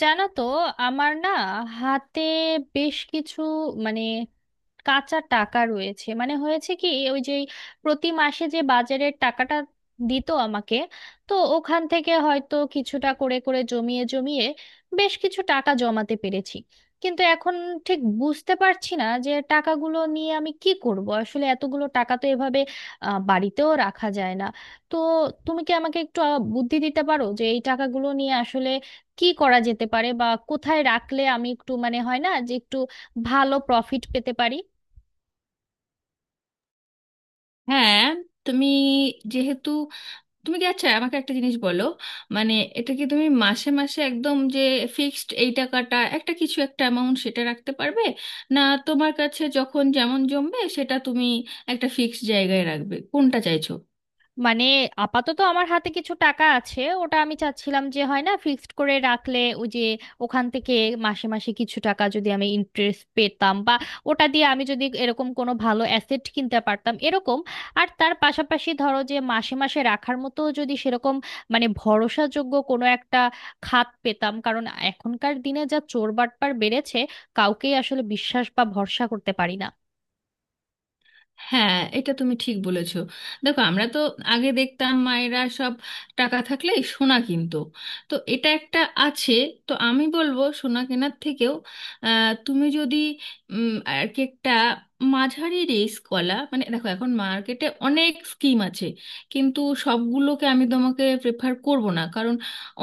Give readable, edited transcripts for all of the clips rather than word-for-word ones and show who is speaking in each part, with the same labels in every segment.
Speaker 1: জানো তো আমার না হাতে বেশ কিছু মানে কাঁচা টাকা রয়েছে মানে হয়েছে কি ওই যে প্রতি মাসে যে বাজারের টাকাটা দিত আমাকে তো ওখান থেকে হয়তো কিছুটা করে করে জমিয়ে জমিয়ে বেশ কিছু টাকা জমাতে পেরেছি। কিন্তু এখন ঠিক বুঝতে পারছি না যে টাকাগুলো নিয়ে আমি কি করব, আসলে এতগুলো টাকা তো এভাবে বাড়িতেও রাখা যায় না। তো তুমি কি আমাকে একটু বুদ্ধি দিতে পারো যে এই টাকাগুলো নিয়ে আসলে কি করা যেতে পারে বা কোথায় রাখলে আমি একটু মানে হয় না যে একটু ভালো প্রফিট পেতে পারি।
Speaker 2: হ্যাঁ, তুমি যেহেতু তুমি কি, আচ্ছা আমাকে একটা জিনিস বলো। মানে, এটা কি তুমি মাসে মাসে একদম যে ফিক্সড এই টাকাটা একটা কিছু, একটা অ্যামাউন্ট সেটা রাখতে পারবে, না তোমার কাছে যখন যেমন জমবে সেটা তুমি একটা ফিক্সড জায়গায় রাখবে, কোনটা চাইছো?
Speaker 1: মানে আপাতত আমার হাতে কিছু টাকা আছে, ওটা আমি চাচ্ছিলাম যে হয় না ফিক্সড করে রাখলে ওই যে ওখান থেকে মাসে মাসে কিছু টাকা যদি আমি ইন্টারেস্ট পেতাম, বা ওটা দিয়ে আমি যদি এরকম কোনো ভালো অ্যাসেট কিনতে পারতাম এরকম। আর তার পাশাপাশি ধরো যে মাসে মাসে রাখার মতো যদি সেরকম মানে ভরসাযোগ্য কোনো একটা খাত পেতাম, কারণ এখনকার দিনে যা চোর বাটপার বেড়েছে কাউকেই আসলে বিশ্বাস বা ভরসা করতে পারি না।
Speaker 2: হ্যাঁ, এটা তুমি ঠিক বলেছো। দেখো, আমরা তো আগে দেখতাম মায়েরা সব টাকা থাকলেই সোনা কিনতো। তো এটা একটা আছে। তো আমি বলবো সোনা কেনার থেকেও তুমি যদি আর কি একটা মাঝারি রিস্ক কলা, মানে দেখো এখন মার্কেটে অনেক স্কিম আছে, কিন্তু সবগুলোকে আমি তোমাকে প্রেফার করব না, কারণ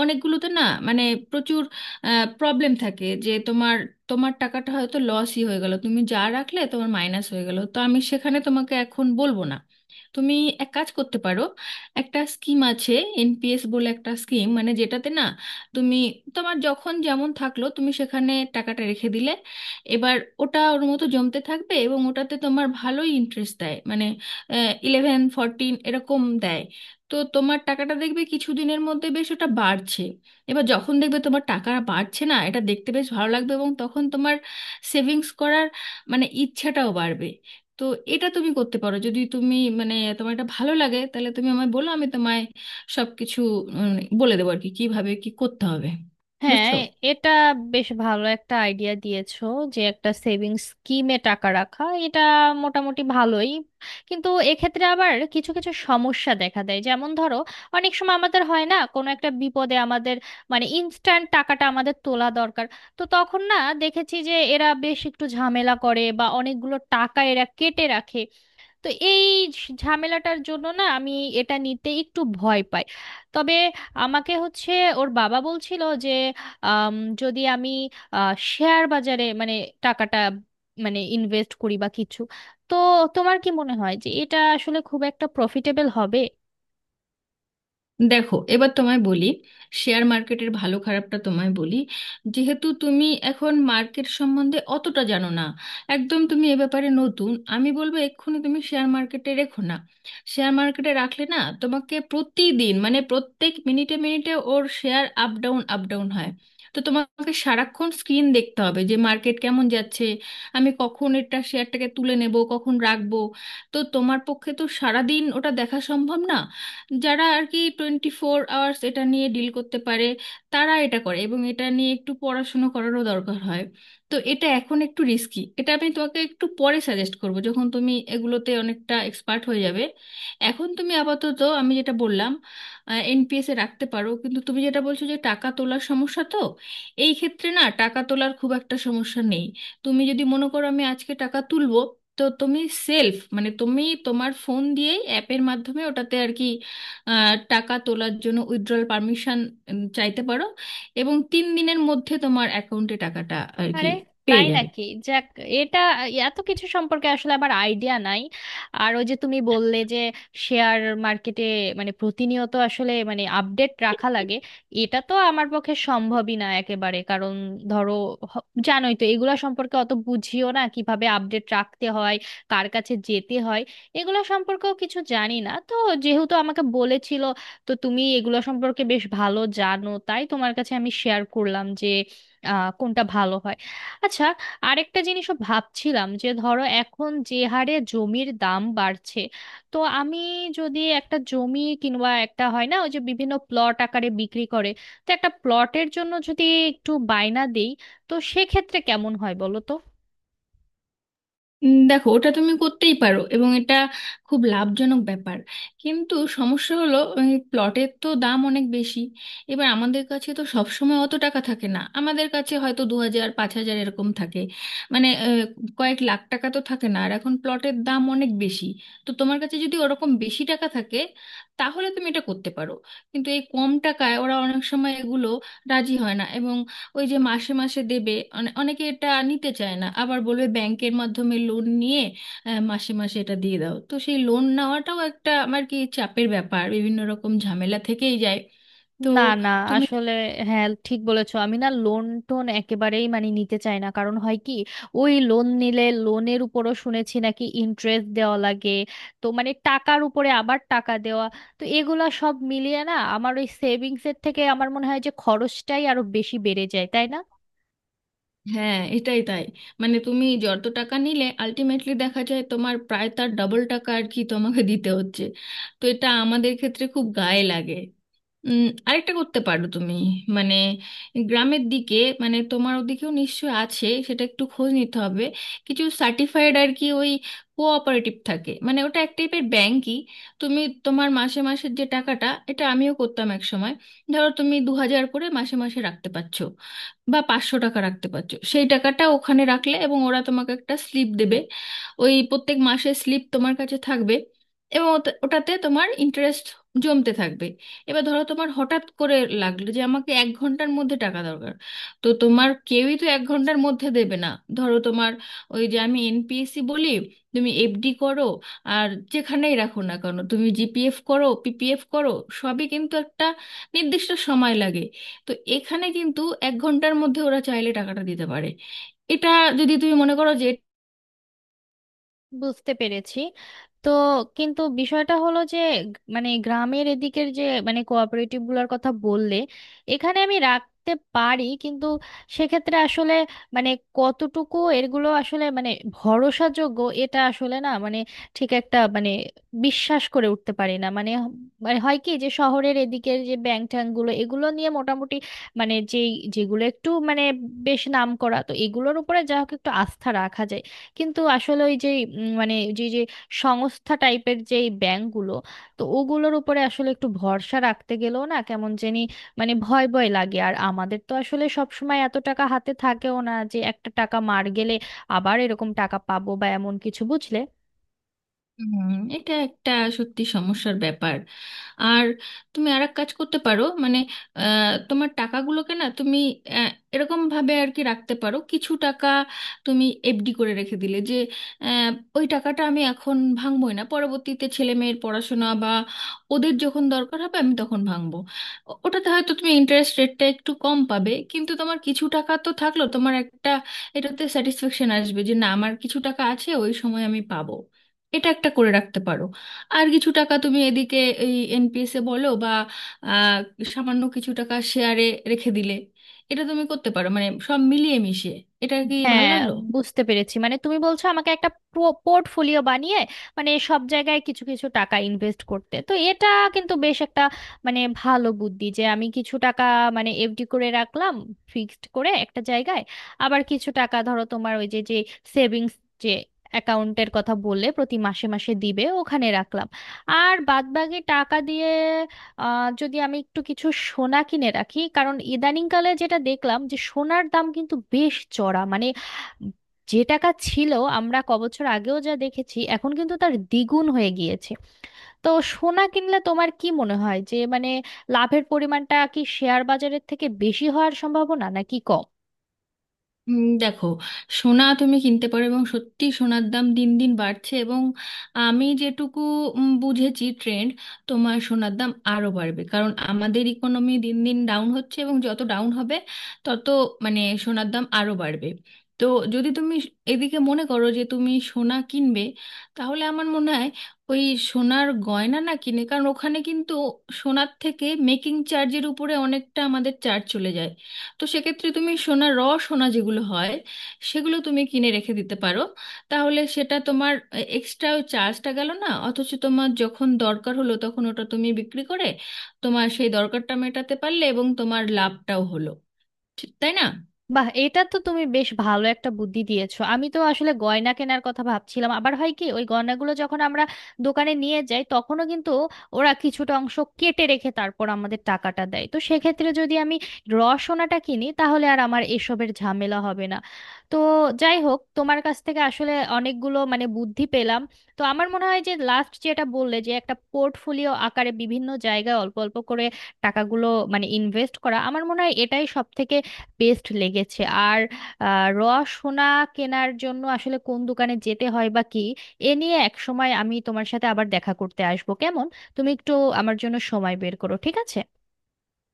Speaker 2: অনেকগুলোতে না মানে প্রচুর প্রবলেম থাকে, যে তোমার তোমার টাকাটা হয়তো লসই হয়ে গেল, তুমি যা রাখলে তোমার মাইনাস হয়ে গেল, তো আমি সেখানে তোমাকে এখন বলবো না। তুমি এক কাজ করতে পারো, একটা স্কিম আছে, এনপিএস বলে একটা স্কিম, মানে যেটাতে না তুমি, তোমার যখন যেমন থাকলো তুমি সেখানে টাকাটা রেখে দিলে। এবার ওটা ওর মতো জমতে থাকবে, এবং ওটাতে তোমার ভালোই ইন্টারেস্ট দেয়, মানে 11 14 এরকম দেয়। তো তোমার টাকাটা দেখবে কিছুদিনের মধ্যে বেশ ওটা বাড়ছে। এবার যখন দেখবে তোমার টাকা বাড়ছে না, এটা দেখতে বেশ ভালো লাগবে, এবং তখন তোমার সেভিংস করার মানে ইচ্ছাটাও বাড়বে। তো এটা তুমি করতে পারো, যদি তুমি মানে তোমার এটা ভালো লাগে, তাহলে তুমি আমায় বলো, আমি তোমায় সব কিছু বলে দেবো আর কি, কীভাবে কী করতে হবে,
Speaker 1: হ্যাঁ,
Speaker 2: বুঝছো।
Speaker 1: এটা বেশ ভালো একটা আইডিয়া দিয়েছো যে একটা সেভিংস স্কিমে টাকা রাখা, এটা মোটামুটি ভালোই। কিন্তু এক্ষেত্রে আবার কিছু কিছু সমস্যা দেখা দেয়, যেমন ধরো অনেক সময় আমাদের হয় না কোনো একটা বিপদে আমাদের মানে ইনস্ট্যান্ট টাকাটা আমাদের তোলা দরকার, তো তখন না দেখেছি যে এরা বেশ একটু ঝামেলা করে বা অনেকগুলো টাকা এরা কেটে রাখে। তো এই ঝামেলাটার জন্য না আমি এটা নিতে একটু ভয় পাই। তবে আমাকে হচ্ছে ওর বাবা বলছিল যে, আম, যদি আমি শেয়ার বাজারে মানে টাকাটা মানে ইনভেস্ট করি বা কিছু, তো তোমার কি মনে হয় যে এটা আসলে খুব একটা প্রফিটেবল হবে?
Speaker 2: দেখো, এবার তোমায় বলি, শেয়ার মার্কেটের ভালো খারাপটা তোমায় বলি। যেহেতু তুমি এখন মার্কেট সম্বন্ধে অতটা জানো না, একদম তুমি এ ব্যাপারে নতুন, আমি বলবো এক্ষুনি তুমি শেয়ার মার্কেটে রেখো না। শেয়ার মার্কেটে রাখলে না, তোমাকে প্রতিদিন মানে প্রত্যেক মিনিটে মিনিটে ওর share up down up down হয়। তো তোমাকে সারাক্ষণ স্ক্রিন দেখতে হবে, যে মার্কেট কেমন যাচ্ছে, আমি কখন এটা শেয়ারটাকে তুলে নেব, কখন রাখবো। তো তোমার পক্ষে তো সারাদিন ওটা দেখা সম্ভব না। যারা আর কি 24 hours এটা নিয়ে ডিল করতে পারে, তারা এটা করে, এবং এটা নিয়ে একটু পড়াশুনো করারও দরকার হয়। তো এটা এখন একটু রিস্কি, এটা আমি তোমাকে একটু পরে সাজেস্ট করব, যখন তুমি এগুলোতে অনেকটা এক্সপার্ট হয়ে যাবে। এখন তুমি আপাতত আমি যেটা বললাম, এনপিএসে রাখতে পারো। কিন্তু তুমি যেটা বলছো যে টাকা তোলার সমস্যা, তো এই ক্ষেত্রে না টাকা তোলার খুব একটা সমস্যা নেই। তুমি যদি মনে করো আমি আজকে টাকা তুলবো, তো তুমি সেলফ মানে তুমি তোমার ফোন দিয়েই অ্যাপের মাধ্যমে ওটাতে আর কি, টাকা তোলার জন্য উইথড্রল পারমিশন চাইতে পারো, এবং 3 দিনের মধ্যে তোমার অ্যাকাউন্টে টাকাটা আর কি
Speaker 1: আরে,
Speaker 2: পেয়ে
Speaker 1: তাই
Speaker 2: যাবে।
Speaker 1: নাকি! যাক। এটা এত কিছু সম্পর্কে আসলে আমার আইডিয়া নাই। আর ওই যে তুমি বললে যে শেয়ার মার্কেটে মানে প্রতিনিয়ত আসলে মানে আপডেট রাখা লাগে, এটা তো আমার পক্ষে সম্ভবই না একেবারে, কারণ ধরো জানোই তো এগুলা সম্পর্কে অত বুঝিও না কিভাবে আপডেট রাখতে হয়, কার কাছে যেতে হয়, এগুলো সম্পর্কেও কিছু জানি না। তো যেহেতু আমাকে বলেছিল, তো তুমি এগুলো সম্পর্কে বেশ ভালো জানো তাই তোমার কাছে আমি শেয়ার করলাম যে কোনটা ভালো হয়। আচ্ছা, আরেকটা জিনিসও ভাবছিলাম যে ধরো এখন যে হারে জমির দাম বাড়ছে, তো আমি যদি একটা জমি কিংবা একটা হয় না ওই যে বিভিন্ন প্লট আকারে বিক্রি করে, তো একটা প্লটের জন্য যদি একটু বায়না দেই, তো সেক্ষেত্রে কেমন হয় বলো তো?
Speaker 2: দেখো, ওটা তুমি করতেই পারো এবং এটা খুব লাভজনক ব্যাপার। কিন্তু সমস্যা হলো ওই প্লটের তো দাম অনেক বেশি। এবার আমাদের কাছে তো সব সময় অত টাকা থাকে না, আমাদের কাছে হয়তো 2,000 5,000 এরকম থাকে। মানে, কয়েক লাখ টাকা তো থাকে না, আর এখন প্লটের দাম অনেক বেশি। তো তোমার কাছে যদি ওরকম বেশি টাকা থাকে, তাহলে তুমি এটা করতে পারো। কিন্তু এই কম টাকায় ওরা অনেক সময় এগুলো রাজি হয় না, এবং ওই যে মাসে মাসে দেবে, অনেকে এটা নিতে চায় না, আবার বলবে ব্যাংকের মাধ্যমে লোন নিয়ে মাসে মাসে এটা দিয়ে দাও, তো সেই লোন নেওয়াটাও একটা আমার কি চাপের ব্যাপার, বিভিন্ন রকম ঝামেলা থেকেই যায়। তো
Speaker 1: না, না,
Speaker 2: তুমি।
Speaker 1: আসলে হ্যাঁ ঠিক বলেছো, আমি না লোন টোন একেবারেই মানে নিতে চাই না, কারণ হয় কি ওই লোন নিলে লোনের উপরও শুনেছি নাকি ইন্টারেস্ট দেওয়া লাগে, তো মানে টাকার উপরে আবার টাকা দেওয়া, তো এগুলা সব মিলিয়ে না আমার ওই সেভিংস এর থেকে আমার মনে হয় যে খরচটাই আরো বেশি বেড়ে যায়, তাই না?
Speaker 2: হ্যাঁ, এটাই তাই। মানে তুমি যত টাকা নিলে, আলটিমেটলি দেখা যায় তোমার প্রায় তার ডবল টাকা আর কি তোমাকে দিতে হচ্ছে। তো এটা আমাদের ক্ষেত্রে খুব গায়ে লাগে। আরেকটা করতে পারো তুমি, মানে গ্রামের দিকে, মানে তোমার ওদিকেও নিশ্চয় আছে, সেটা একটু খোঁজ নিতে হবে। কিছু সার্টিফাইড আর কি ওই কোঅপারেটিভ থাকে, মানে ওটা এক টাইপের ব্যাংকই। তুমি তোমার মাসে মাসের যে টাকাটা, এটা আমিও করতাম এক সময়। ধরো তুমি 2,000 করে মাসে মাসে রাখতে পারছো, বা 500 টাকা রাখতে পারছো, সেই টাকাটা ওখানে রাখলে, এবং ওরা তোমাকে একটা স্লিপ দেবে। ওই প্রত্যেক মাসের স্লিপ তোমার কাছে থাকবে, এবং ওটাতে তোমার ইন্টারেস্ট জমতে থাকবে। এবার ধরো তোমার হঠাৎ করে লাগলো যে আমাকে 1 ঘন্টার মধ্যে টাকা দরকার, তো তোমার কেউই তো 1 ঘন্টার মধ্যে দেবে না। ধরো তোমার, ওই যে আমি এনপিএসসি বলি, তুমি এফডি করো, আর যেখানেই রাখো না কেন, তুমি জিপিএফ করো, পিপিএফ করো, সবই কিন্তু একটা নির্দিষ্ট সময় লাগে। তো এখানে কিন্তু 1 ঘন্টার মধ্যে ওরা চাইলে টাকাটা দিতে পারে। এটা যদি তুমি মনে করো যে।
Speaker 1: বুঝতে পেরেছি। তো কিন্তু বিষয়টা হলো যে মানে গ্রামের এদিকের যে মানে কোঅপারেটিভ গুলোর কথা বললে এখানে আমি রাখতে পারি, কিন্তু সেক্ষেত্রে আসলে মানে কতটুকু এগুলো আসলে মানে ভরসাযোগ্য, এটা আসলে না মানে ঠিক একটা মানে বিশ্বাস করে উঠতে পারি না, মানে মানে হয় কি যে শহরের এদিকের যে ব্যাংক ট্যাঙ্কগুলো এগুলো নিয়ে মোটামুটি মানে যেই যেগুলো একটু মানে বেশ নাম করা তো এগুলোর উপরে যা হোক একটু আস্থা রাখা যায়। কিন্তু আসলে ওই যে মানে যে যে সংস্থা টাইপের যে এই ব্যাংকগুলো, তো ওগুলোর উপরে আসলে একটু ভরসা রাখতে গেলেও না কেমন জানি মানে ভয় ভয় লাগে, আর আমাদের তো আসলে সব সময় এত টাকা হাতে থাকেও না যে একটা টাকা মার গেলে আবার এরকম টাকা পাবো বা এমন কিছু, বুঝলে?
Speaker 2: হুম। এটা একটা সত্যি সমস্যার ব্যাপার। আর তুমি আর এক কাজ করতে পারো মানে, তোমার টাকাগুলোকে না তুমি আহ, এরকম ভাবে আর কি রাখতে পারো। কিছু টাকা তুমি এফডি করে রেখে দিলে, যে আহ, ওই টাকাটা আমি এখন ভাঙবোই না, পরবর্তীতে ছেলে মেয়ের পড়াশোনা বা ওদের যখন দরকার হবে আমি তখন ভাঙবো। ওটাতে হয়তো তুমি ইন্টারেস্ট রেটটা একটু কম পাবে, কিন্তু তোমার কিছু টাকা তো থাকলো, তোমার একটা এটাতে স্যাটিসফ্যাকশন আসবে যে না আমার কিছু টাকা আছে, ওই সময় আমি পাবো। এটা একটা করে রাখতে পারো। আর কিছু টাকা তুমি এদিকে এই এনপিএসে বলো বা আহ, সামান্য কিছু টাকা শেয়ারে রেখে দিলে, এটা তুমি করতে পারো, মানে সব মিলিয়ে মিশিয়ে। এটা কি ভালো
Speaker 1: হ্যাঁ,
Speaker 2: লাগলো?
Speaker 1: বুঝতে পেরেছি, মানে তুমি বলছো আমাকে একটা পোর্টফোলিও বানিয়ে মানে সব জায়গায় কিছু কিছু টাকা ইনভেস্ট করতে, তো এটা কিন্তু বেশ একটা মানে ভালো বুদ্ধি যে আমি কিছু টাকা মানে এফডি করে রাখলাম ফিক্সড করে একটা জায়গায়, আবার কিছু টাকা ধরো তোমার ওই যে যে সেভিংস যে অ্যাকাউন্টের কথা বললে প্রতি মাসে মাসে দিবে ওখানে রাখলাম, আর বাদবাকি টাকা দিয়ে যদি আমি একটু কিছু সোনা কিনে রাখি কারণ ইদানিংকালে যেটা দেখলাম যে সোনার দাম কিন্তু বেশ চড়া, মানে যে টাকা ছিল আমরা ক বছর আগেও যা দেখেছি এখন কিন্তু তার দ্বিগুণ হয়ে গিয়েছে। তো সোনা কিনলে তোমার কি মনে হয় যে মানে লাভের পরিমাণটা কি শেয়ার বাজারের থেকে বেশি হওয়ার সম্ভাবনা নাকি কম?
Speaker 2: দেখো, সোনা তুমি কিনতে পারো, এবং সত্যি সোনার দাম দিন দিন বাড়ছে, এবং আমি যেটুকু বুঝেছি ট্রেন্ড, তোমার সোনার দাম আরো বাড়বে, কারণ আমাদের ইকোনমি দিন দিন ডাউন হচ্ছে, এবং যত ডাউন হবে তত মানে সোনার দাম আরো বাড়বে। তো যদি তুমি এদিকে মনে করো যে তুমি সোনা কিনবে, তাহলে আমার মনে হয় ওই সোনার গয়না না কিনে, কারণ ওখানে কিন্তু সোনার থেকে মেকিং চার্জের উপরে অনেকটা আমাদের চার্জ চলে যায়। তো সেক্ষেত্রে তুমি সোনা যেগুলো হয় সেগুলো তুমি কিনে রেখে দিতে পারো, তাহলে সেটা তোমার এক্সট্রা ওই চার্জটা গেল না, অথচ তোমার যখন দরকার হলো তখন ওটা তুমি বিক্রি করে তোমার সেই দরকারটা মেটাতে পারলে, এবং তোমার লাভটাও হলো, ঠিক তাই না?
Speaker 1: বাহ, এটা তো তুমি বেশ ভালো একটা বুদ্ধি দিয়েছো, আমি তো আসলে গয়না কেনার কথা ভাবছিলাম, আবার হয় কি ওই গয়নাগুলো যখন আমরা দোকানে নিয়ে যাই তখনও কিন্তু ওরা কিছুটা অংশ কেটে রেখে তারপর আমাদের টাকাটা দেয়, তো সেক্ষেত্রে যদি আমি র সোনাটা কিনি তাহলে আর আমার এসবের ঝামেলা হবে না। তো যাই হোক, তোমার কাছ থেকে আসলে অনেকগুলো মানে বুদ্ধি পেলাম। তো আমার মনে হয় যে লাস্ট যেটা বললে যে একটা পোর্টফোলিও আকারে বিভিন্ন জায়গায় অল্প অল্প করে টাকাগুলো মানে ইনভেস্ট করা, আমার মনে হয় এটাই সব থেকে বেস্ট লেগেছে। আর র সোনা কেনার জন্য আসলে কোন দোকানে যেতে হয় বা কি, এ নিয়ে এক সময় আমি তোমার সাথে আবার দেখা করতে আসবো, কেমন? তুমি একটু আমার জন্য সময় বের করো, ঠিক আছে?